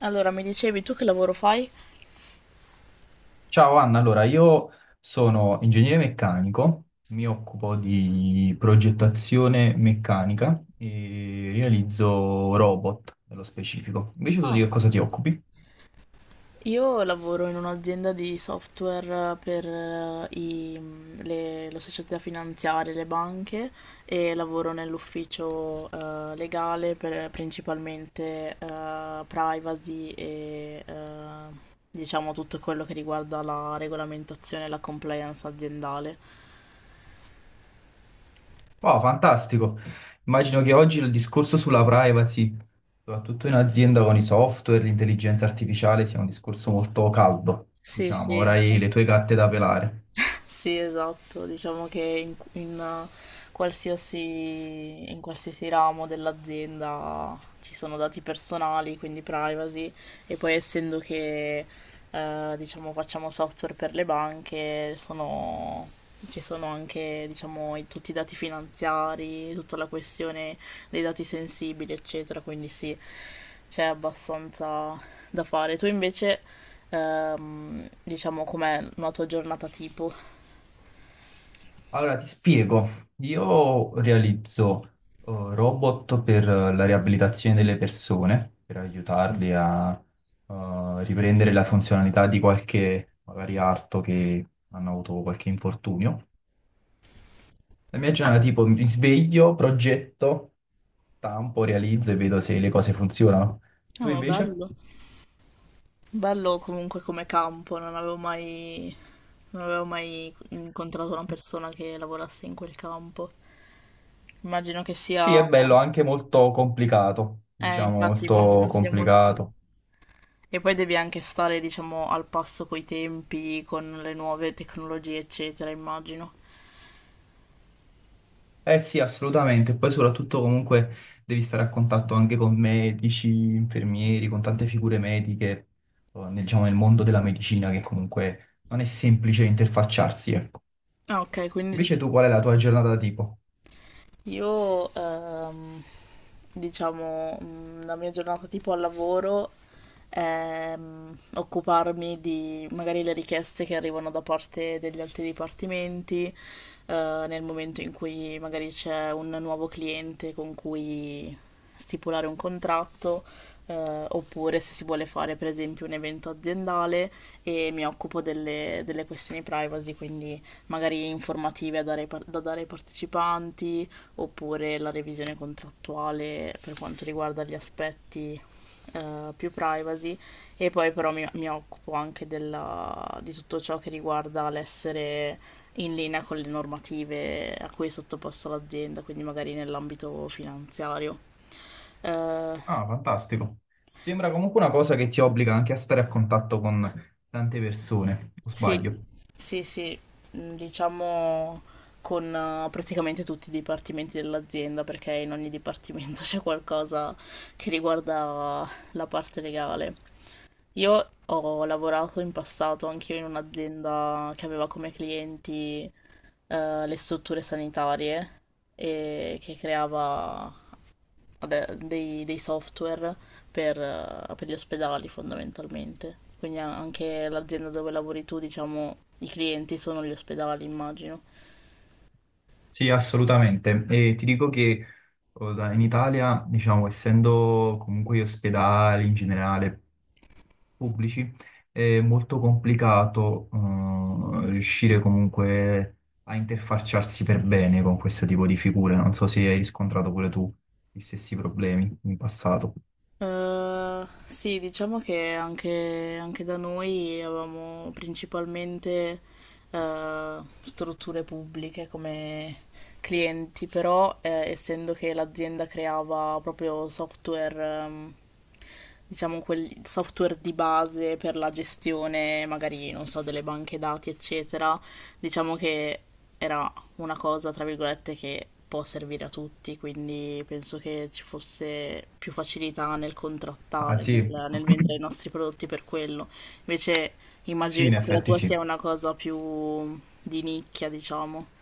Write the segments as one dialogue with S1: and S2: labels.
S1: Allora, mi dicevi tu che lavoro fai?
S2: Ciao Anna, allora io sono ingegnere meccanico, mi occupo di progettazione meccanica e realizzo robot nello specifico. Invece tu di
S1: Ah,
S2: che cosa ti occupi?
S1: io lavoro in un'azienda di software per le società finanziarie, le banche e lavoro nell'ufficio legale, per principalmente privacy e diciamo tutto quello che riguarda la regolamentazione e la compliance aziendale.
S2: Wow, fantastico! Immagino che oggi il discorso sulla privacy, soprattutto in azienda con i software, l'intelligenza artificiale, sia un discorso molto caldo,
S1: Sì,
S2: diciamo,
S1: sì.
S2: avrai le tue gatte da pelare.
S1: Sì, esatto, diciamo che in eh, in qualsiasi ramo dell'azienda ci sono dati personali, quindi privacy, e poi essendo che diciamo, facciamo software per le banche, ci sono anche, diciamo, tutti i dati finanziari, tutta la questione dei dati sensibili, eccetera, quindi sì, c'è abbastanza da fare. Tu invece, diciamo, com'è una tua giornata tipo?
S2: Allora, ti spiego. Io realizzo robot per la riabilitazione delle persone, per aiutarli a riprendere la funzionalità di qualche magari arto che hanno avuto qualche infortunio. La mia giornata tipo mi sveglio, progetto, stampo, realizzo e vedo se le cose funzionano.
S1: No,
S2: Tu
S1: ma
S2: invece?
S1: bello. Bello comunque come campo, non avevo mai incontrato una persona che lavorasse in quel campo. Immagino che sia...
S2: Sì, è bello, anche molto complicato, diciamo
S1: Infatti
S2: molto
S1: immagino sia molto...
S2: complicato.
S1: E poi devi anche stare, diciamo, al passo coi tempi, con le nuove tecnologie, eccetera, immagino.
S2: Eh sì, assolutamente. Poi soprattutto comunque devi stare a contatto anche con medici, infermieri, con tante figure mediche, nel, diciamo, nel mondo della medicina che comunque non è semplice interfacciarsi, ecco.
S1: Ah, ok, quindi
S2: Invece tu qual è la tua giornata tipo?
S1: io, diciamo, mm, la mia giornata tipo al lavoro è, mm, occuparmi di magari le richieste che arrivano da parte degli altri dipartimenti, nel momento in cui magari c'è un nuovo cliente con cui stipulare un contratto, oppure se si vuole fare per esempio un evento aziendale, e mi occupo delle questioni privacy, quindi magari informative da dare da dare ai partecipanti, oppure la revisione contrattuale per quanto riguarda gli aspetti più privacy, e poi però mi occupo anche di tutto ciò che riguarda l'essere in linea con le normative a cui è sottoposta l'azienda, quindi magari nell'ambito finanziario. Eh,
S2: Ah, fantastico. Sembra comunque una cosa che ti obbliga anche a stare a contatto con tante persone, o
S1: sì,
S2: sbaglio?
S1: sì, sì, mm, diciamo con praticamente tutti i dipartimenti dell'azienda, perché in ogni dipartimento c'è qualcosa che riguarda la parte legale. Io ho lavorato in passato anche io in un'azienda che aveva come clienti le strutture sanitarie e che creava dei software per gli ospedali fondamentalmente. Quindi anche l'azienda dove lavori tu, diciamo, i clienti sono gli ospedali, immagino.
S2: Sì, assolutamente. E ti dico che in Italia, diciamo, essendo comunque gli ospedali in generale pubblici è molto complicato riuscire comunque a interfacciarsi per bene con questo tipo di figure. Non so se hai riscontrato pure tu gli stessi problemi in passato.
S1: Sì, diciamo che anche da noi avevamo principalmente eh, strutture pubbliche come clienti, però essendo che l'azienda creava proprio software, ehm, diciamo quel software di base per la gestione, magari, non so, delle banche dati, eccetera, diciamo che era una cosa, tra virgolette, che può servire a tutti, quindi penso che ci fosse più facilità nel
S2: Ah
S1: contrattare,
S2: sì,
S1: nel vendere i nostri prodotti per quello. Invece
S2: sì,
S1: immagino
S2: in
S1: che la
S2: effetti
S1: tua
S2: sì.
S1: sia una cosa più di nicchia, diciamo.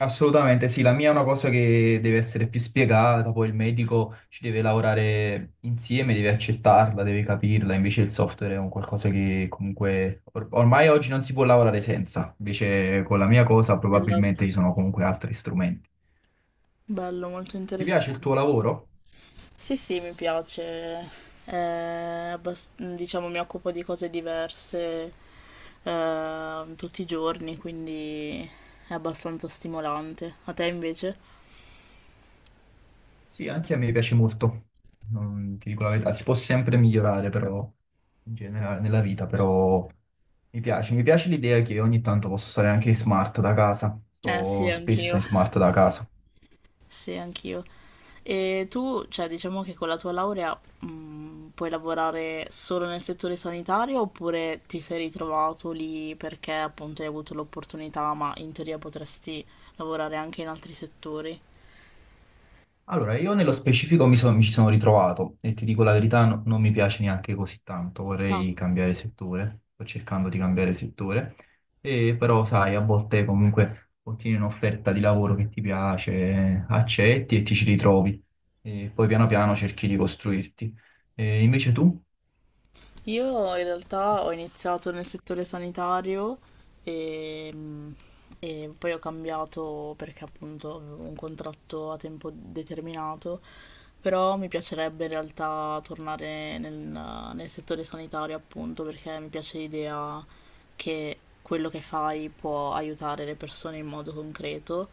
S2: Assolutamente sì, la mia è una cosa che deve essere più spiegata, poi il medico ci deve lavorare insieme, deve accettarla, deve capirla, invece il software è un qualcosa che comunque ormai oggi non si può lavorare senza, invece con la mia cosa probabilmente
S1: Esatto.
S2: ci sono comunque altri strumenti.
S1: Bello, molto
S2: Ti piace il
S1: interessante.
S2: tuo lavoro?
S1: Sì, sì, mi piace. Eh, diciamo, mi occupo di cose diverse tutti i giorni, quindi è abbastanza stimolante. A te invece?
S2: Sì, anche a me piace molto, non ti dico la verità, si può sempre migliorare però, in generale nella vita, però mi piace l'idea che ogni tanto posso stare anche in smart da casa,
S1: Eh sì,
S2: sto spesso
S1: anch'io.
S2: in smart da casa.
S1: Sì, anch'io. E tu, cioè, diciamo che con la tua laurea, puoi lavorare solo nel settore sanitario, oppure ti sei ritrovato lì perché appunto hai avuto l'opportunità, ma in teoria potresti lavorare anche in altri settori?
S2: Allora, io nello specifico mi ci sono ritrovato e ti dico la verità, non mi piace neanche così tanto,
S1: No.
S2: vorrei cambiare settore, sto cercando di
S1: Ok.
S2: cambiare settore, e però sai, a volte comunque ottieni un'offerta di lavoro che ti piace, accetti e ti ci ritrovi, e poi piano piano cerchi di costruirti. E invece tu?
S1: Io in realtà ho iniziato nel settore sanitario e, mh, e poi ho cambiato perché appunto avevo un contratto a tempo determinato. Però mi piacerebbe in realtà tornare nel settore sanitario, appunto, perché mi piace l'idea che quello che fai può aiutare le persone in modo concreto.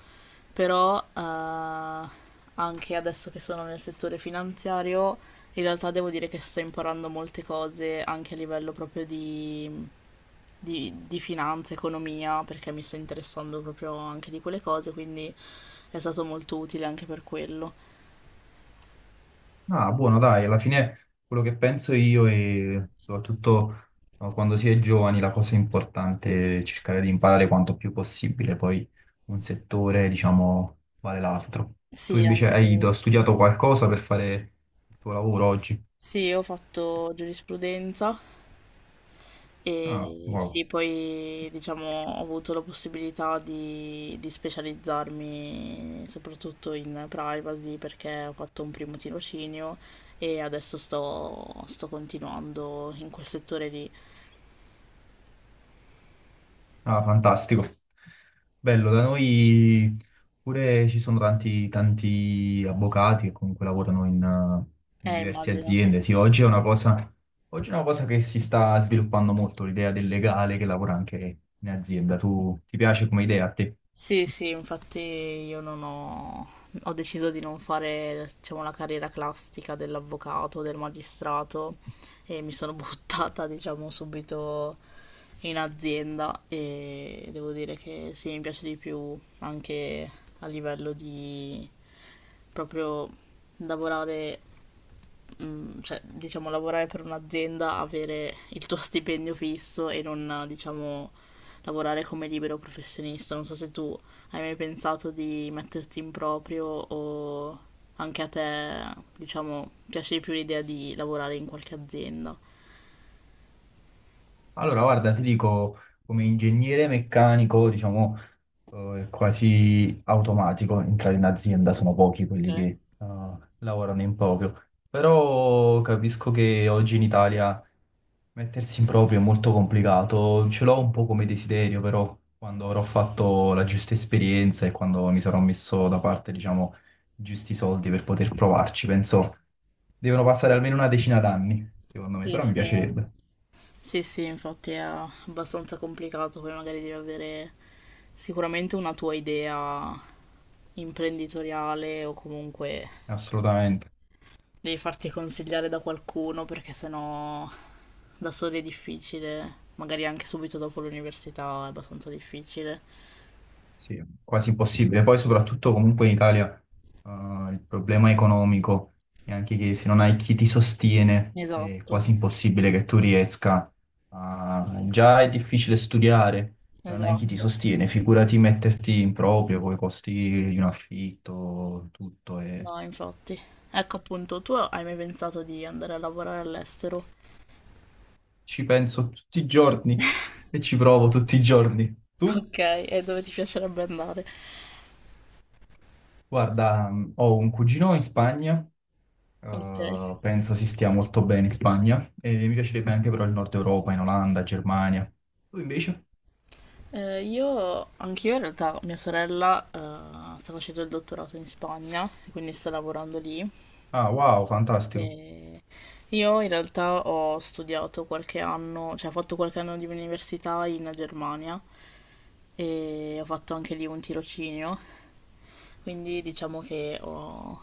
S1: Però anche adesso che sono nel settore finanziario, in realtà devo dire che sto imparando molte cose anche a livello proprio di finanza, economia, perché mi sto interessando proprio anche di quelle cose, quindi è stato molto utile anche per quello.
S2: Ah, buono, dai, alla fine quello che penso io e soprattutto quando si è giovani la cosa importante è cercare di imparare quanto più possibile, poi un settore, diciamo, vale l'altro. Tu
S1: Sì,
S2: invece
S1: anche...
S2: hai studiato qualcosa per fare il tuo lavoro oggi?
S1: Sì, io ho fatto giurisprudenza
S2: Ah,
S1: e
S2: wow.
S1: sì, poi diciamo ho avuto la possibilità di specializzarmi soprattutto in privacy, perché ho fatto un primo tirocinio e adesso sto continuando in quel settore lì.
S2: Ah, fantastico. Bello, da noi pure ci sono tanti, tanti avvocati che comunque lavorano in, in diverse
S1: Immagino, sì.
S2: aziende. Sì, oggi è una cosa, oggi è una cosa che si sta sviluppando molto, l'idea del legale che lavora anche in azienda. Tu ti piace come idea a te?
S1: Sì, sì, infatti io non ho... ho deciso di non fare, diciamo, la carriera classica dell'avvocato, del magistrato, e mi sono buttata, diciamo, subito in azienda, e devo dire che sì, mi piace di più anche a livello di proprio lavorare, mm, cioè, diciamo, lavorare per un'azienda, avere il tuo stipendio fisso e non, diciamo, lavorare come libero professionista. Non so se tu hai mai pensato di metterti in proprio, o anche a te, diciamo, piace di più l'idea di lavorare in qualche azienda.
S2: Allora, guarda, ti dico, come ingegnere meccanico, diciamo, è quasi automatico entrare in azienda, sono pochi quelli che
S1: Ok.
S2: lavorano in proprio. Però capisco che oggi in Italia mettersi in proprio è molto complicato, ce l'ho un po' come desiderio, però quando avrò fatto la giusta esperienza e quando mi sarò messo da parte, diciamo, i giusti soldi per poter provarci, penso devono passare almeno una decina d'anni, secondo me,
S1: Sì,
S2: però mi
S1: sì, no.
S2: piacerebbe,
S1: Sì, sì, infatti è abbastanza complicato, poi magari devi avere sicuramente una tua idea imprenditoriale o comunque
S2: assolutamente.
S1: devi farti consigliare da qualcuno, perché sennò da soli è difficile, magari anche subito dopo l'università è abbastanza difficile.
S2: Sì, quasi impossibile. Poi soprattutto comunque in Italia eh, il problema economico è anche che se non hai chi ti sostiene è
S1: Esatto,
S2: quasi impossibile che tu riesca a... Già è difficile studiare, se non hai chi ti
S1: esatto.
S2: sostiene, figurati metterti in proprio con i costi di un affitto, tutto. E...
S1: No, infatti. Ecco appunto, tu hai mai pensato di andare a lavorare all'estero?
S2: Ci penso tutti i giorni e ci provo tutti i giorni. Tu,
S1: Ok, e dove ti piacerebbe andare?
S2: guarda, ho un cugino in Spagna.
S1: Ok.
S2: Penso si stia molto bene in Spagna e mi piacerebbe anche però il Nord Europa, in Olanda, Germania. Tu invece?
S1: Io, anch'io in realtà, mia sorella sta facendo il dottorato in Spagna, quindi sta lavorando lì.
S2: Ah, wow, fantastico.
S1: Eh, io in realtà ho studiato qualche anno, cioè ho fatto qualche anno di università in Germania, e ho fatto anche lì un tirocinio, quindi diciamo che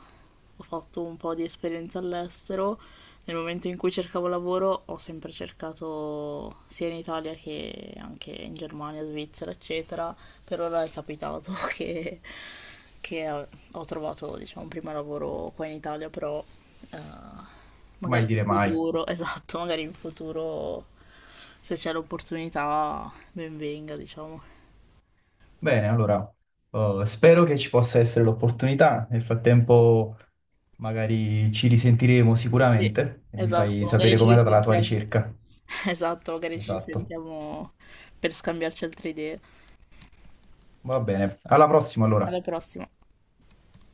S1: ho fatto un po' di esperienza all'estero. Nel momento in cui cercavo lavoro ho sempre cercato sia in Italia che anche in Germania, Svizzera, eccetera. Per ora è capitato che ho trovato, diciamo, un primo lavoro qua in Italia, però, eh,
S2: Mai
S1: magari in
S2: dire mai.
S1: futuro, esatto, magari in futuro, se c'è l'opportunità, ben venga, diciamo.
S2: Bene, allora, spero che ci possa essere l'opportunità. Nel frattempo, magari ci risentiremo
S1: Sì,
S2: sicuramente e mi fai
S1: esatto, magari
S2: sapere
S1: ci
S2: com'è andata la tua
S1: risentiamo.
S2: ricerca.
S1: Esatto, magari ci
S2: Esatto.
S1: risentiamo per scambiarci altre idee.
S2: Va bene. Alla prossima,
S1: Alla
S2: allora.
S1: prossima.